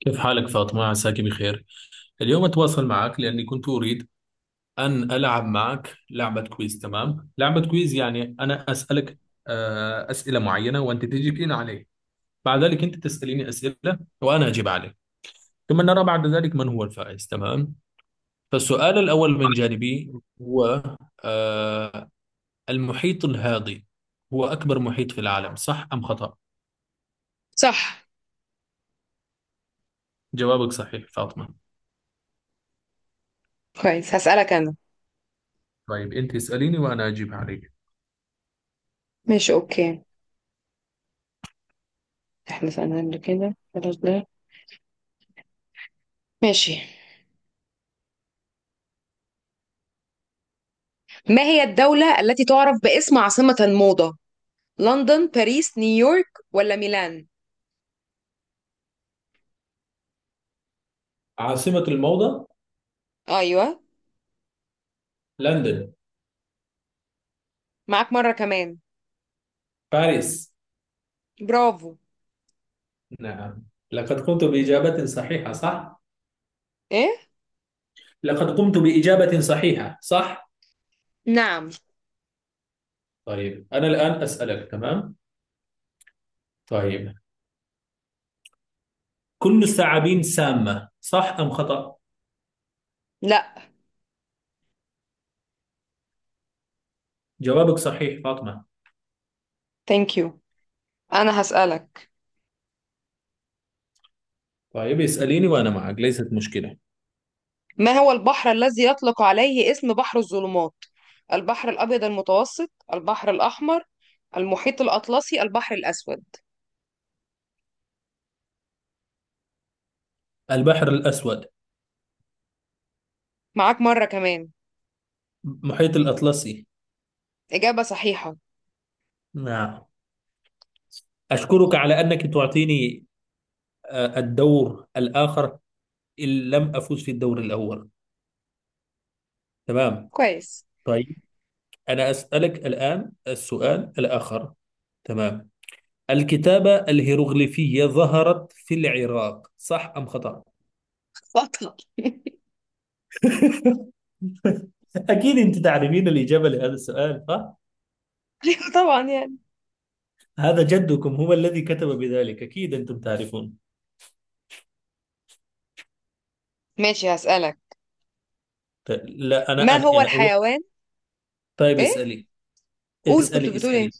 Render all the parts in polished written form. كيف حالك فاطمة؟ عساك بخير. اليوم أتواصل معك لأني كنت أريد أن ألعب معك لعبة كويز، تمام؟ لعبة كويز يعني أنا أسألك أسئلة معينة وأنت تجيبين عليه. بعد ذلك أنت تسأليني أسئلة وأنا أجيب عليك. ثم نرى بعد ذلك من هو الفائز، تمام؟ فالسؤال الأول من جانبي هو آه، المحيط الهادي هو أكبر محيط في العالم، صح أم خطأ؟ صح. جوابك صحيح فاطمة. كويس، هسألك أنا. طيب أنت اسأليني وأنا أجيب عليك. ماشي، أوكي. احنا سألنا قبل كده، خلاص ده. ماشي. ما هي الدولة التي تعرف باسم عاصمة الموضة؟ لندن، باريس، نيويورك ولا ميلان؟ عاصمة الموضة أيوة. لندن معاك مرة كمان. باريس. برافو. نعم، لقد قمت بإجابة صحيحة صح؟ إيه. لقد قمت بإجابة صحيحة صح؟ نعم. طيب أنا الآن أسألك، تمام؟ طيب، كل الثعابين سامة صح أم خطأ؟ لا. جوابك صحيح فاطمة. ثانك يو. أنا هسألك. طيب اسأليني وأنا معك ليست مشكلة. ما هو البحر الذي يطلق عليه اسم بحر الظلمات؟ البحر الأبيض المتوسط، البحر الأحمر، المحيط الأطلسي، البحر الأسود. البحر الأسود. معاك مرة كمان. محيط الأطلسي. إجابة صحيحة. نعم، أشكرك على أنك تعطيني الدور الآخر إن لم أفوز في الدور الأول، تمام. كويس. طيب أنا أسألك الآن السؤال الآخر، تمام. الكتابة الهيروغليفية ظهرت في العراق صح أم خطأ؟ بطل. أكيد أنت تعرفين الإجابة لهذا السؤال صح؟ طبعا يعني. هذا جدكم هو الذي كتب بذلك، أكيد أنتم تعرفون. ماشي، هسألك. لا، أنا ما أنا هو يعني هو-. الحيوان؟ طيب ايه؟ اسألي. قول، كنت اسألي بتقول ايه؟ اسألي.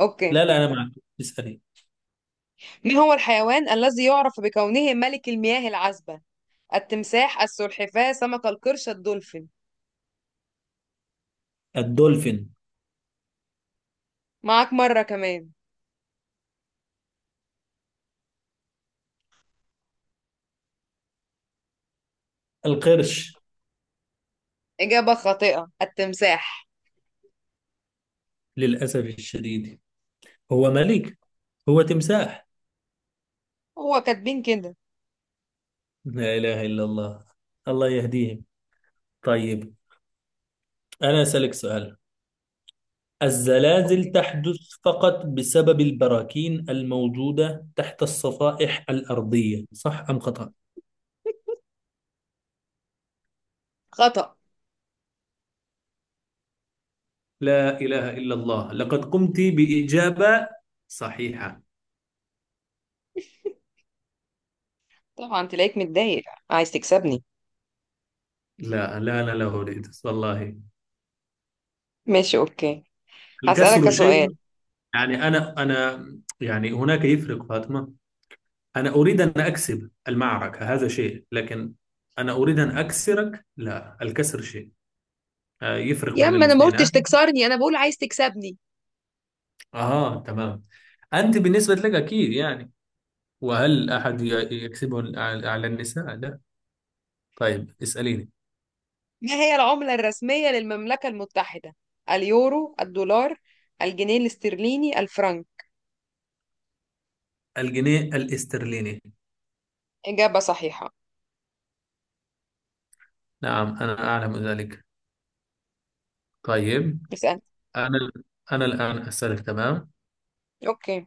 اوكي. لا لا، أنا معك. اسألي. ما هو الحيوان الذي يعرف بكونه ملك المياه العذبة؟ التمساح، السلحفاة، سمك القرش، الدولفين. الدولفين. معاك مرة كمان. القرش. إجابة خاطئة، التمساح. للأسف الشديد، هو ملك، هو تمساح. هو كاتبين كده. لا إله إلا الله، الله يهديهم. طيب أنا أسألك سؤال. الزلازل اوكي. تحدث فقط بسبب البراكين الموجودة تحت الصفائح الأرضية صح أم خطأ؟ خطأ. لا إله إلا الله، لقد قمت بإجابة صحيحة. طبعا تلاقيك متضايق، عايز تكسبني. لا لا، أنا لا أريد والله. ماشي، اوكي. الكسر هسألك شيء، سؤال. يعني أنا يعني هناك يفرق فاطمة. أنا أريد أن أكسب المعركة هذا شيء، لكن أنا أريد أن أكسرك لا، الكسر شيء يفرق يا بين اما انا ما الاثنين قلتش ها. تكسرني، انا بقول عايز تكسبني. آه تمام، أنت بالنسبة لك أكيد يعني. وهل أحد يكسبه على على النساء؟ لا. طيب اسأليني. ما هي العملة الرسمية للمملكة المتحدة؟ اليورو، الدولار، الجنيه الاسترليني، الفرنك. الجنيه الاسترليني. إجابة صحيحة. نعم أنا أعلم ذلك. طيب، اسأل. أنا أنا الآن أسألك تمام. أوكي.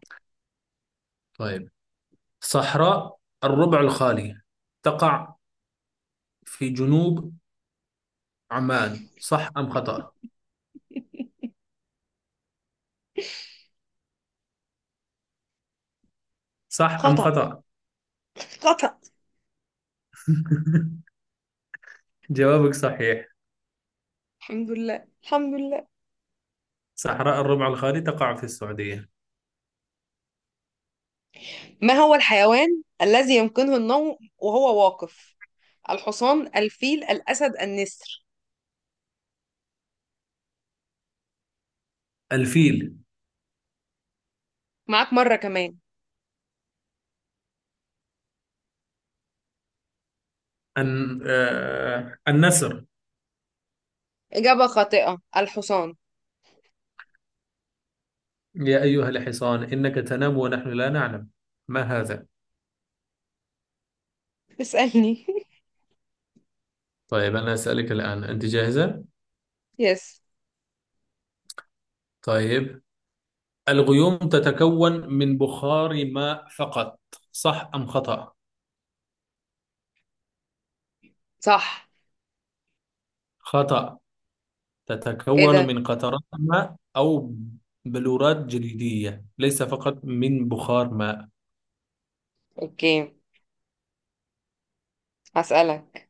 طيب، صحراء الربع الخالي تقع في جنوب عمان، صح أم خطأ؟ صح أم خطأ، خطأ؟ خطأ. جوابك صحيح. الحمد لله، الحمد لله. صحراء الربع الخالي تقع في السعودية. ما هو الحيوان الذي يمكنه النوم وهو واقف؟ الحصان، الفيل، الأسد، النسر. الفيل. معاك مرة كمان. النسر. إجابة خاطئة، الحصان. يا أيها الحصان إنك تنام ونحن لا نعلم، ما هذا؟ اسألني. طيب أنا أسألك الآن، أنت جاهزة؟ يس. طيب، الغيوم تتكون من بخار ماء فقط، صح أم خطأ؟ صح. خطأ. ايه تتكون ده؟ من قطرات ماء أو بلورات جليدية، ليس فقط من بخار ماء. اوكي، هسألك.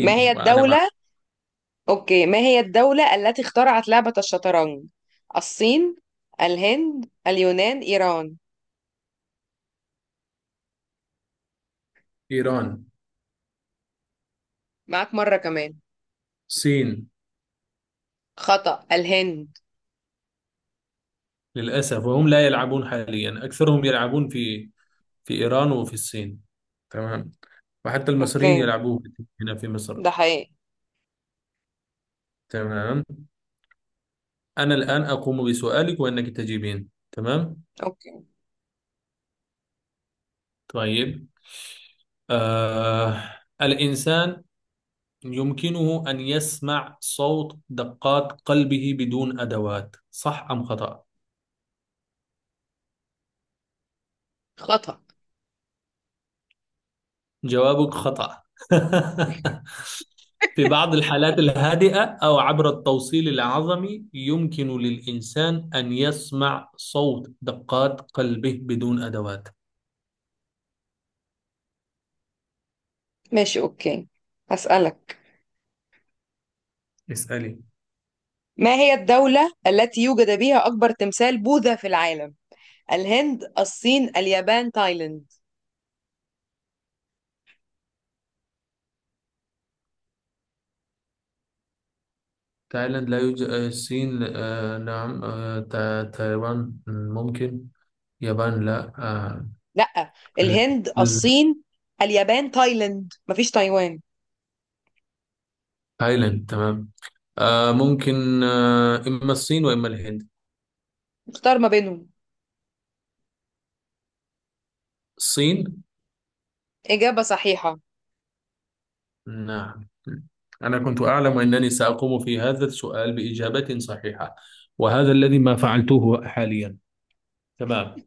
ما هي وأنا مع. الدولة؟ أوكي، ما هي الدولة التي اخترعت لعبة الشطرنج؟ الصين، الهند، اليونان، إيران. إيران. معاك مرة كمان. الصين. خطأ، الهند. للأسف، وهم لا يلعبون حاليا أكثرهم يلعبون في في إيران وفي الصين، تمام. وحتى المصريين أوكي. يلعبون هنا في مصر، ده حقيقي. تمام. أنا الآن أقوم بسؤالك وإنك تجيبين، تمام. أوكي. طيب، آه الإنسان يمكنه أن يسمع صوت دقات قلبه بدون أدوات صح أم خطأ. خطأ. جوابك خطأ. في بعض الحالات الهادئة أو عبر التوصيل العظمي يمكن للإنسان أن يسمع صوت دقات قلبه بدون أدوات. ماشي، أوكي. هسألك. اسألي. ما هي الدولة التي يوجد بها أكبر تمثال بوذا في العالم؟ الهند، الصين، اليابان، تايلاند. تايلاند لا يوجد، الصين، آه نعم، تايوان، ممكن يابان، لا، لأ، ال- الهند، ال- الصين، اليابان، تايلاند، مفيش تايوان. تايلاند، تمام. آه ممكن، آه إما الصين وإما الهند. اختار ما بينهم. الصين. إجابة صحيحة. نعم، أنا كنت أعلم أنني سأقوم في هذا السؤال بإجابة صحيحة، وهذا الذي ما فعلته حاليا، تمام.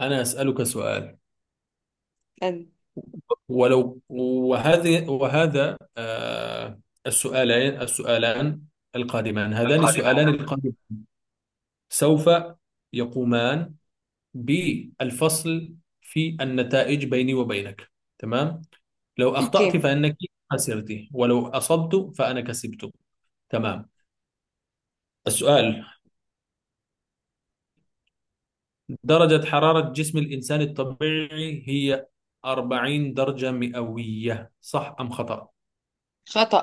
أنا أسألك سؤال. أنت ولو وهذه وهذا السؤالان القادمان، هذان القادمة. السؤالان سوف يقومان بالفصل في النتائج بيني وبينك، تمام. لو أخطأت أوكي. فإنك خسرت، ولو أصبت فأنا كسبت، تمام. السؤال، درجة حرارة جسم الإنسان الطبيعي هي 40 درجة مئوية، صح أم خطأ؟ خطأ.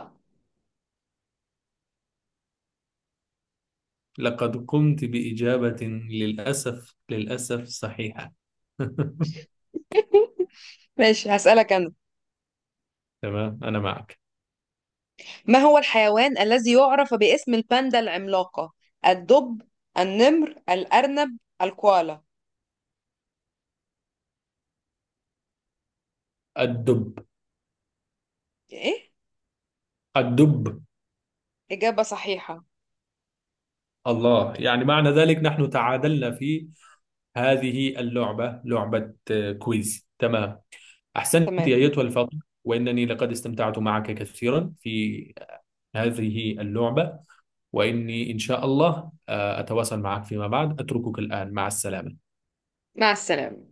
لقد قمت بإجابة، للأسف للأسف، صحيحة. ماشي، هسألك أنا. تمام أنا معك. ما هو الحيوان الذي يعرف باسم الباندا العملاقة؟ الدب، النمر، الأرنب، الكوالا. الدب. إيه. الدب. إجابة صحيحة. الله، يعني معنى ذلك نحن تعادلنا في هذه اللعبة، لعبة كويز، تمام. أحسنت تمام. يا أيتها الفاضل، وإنني لقد استمتعت معك كثيرا في هذه اللعبة، وإني إن شاء الله أتواصل معك فيما بعد. أتركك الآن، مع السلامة. مع السلامة.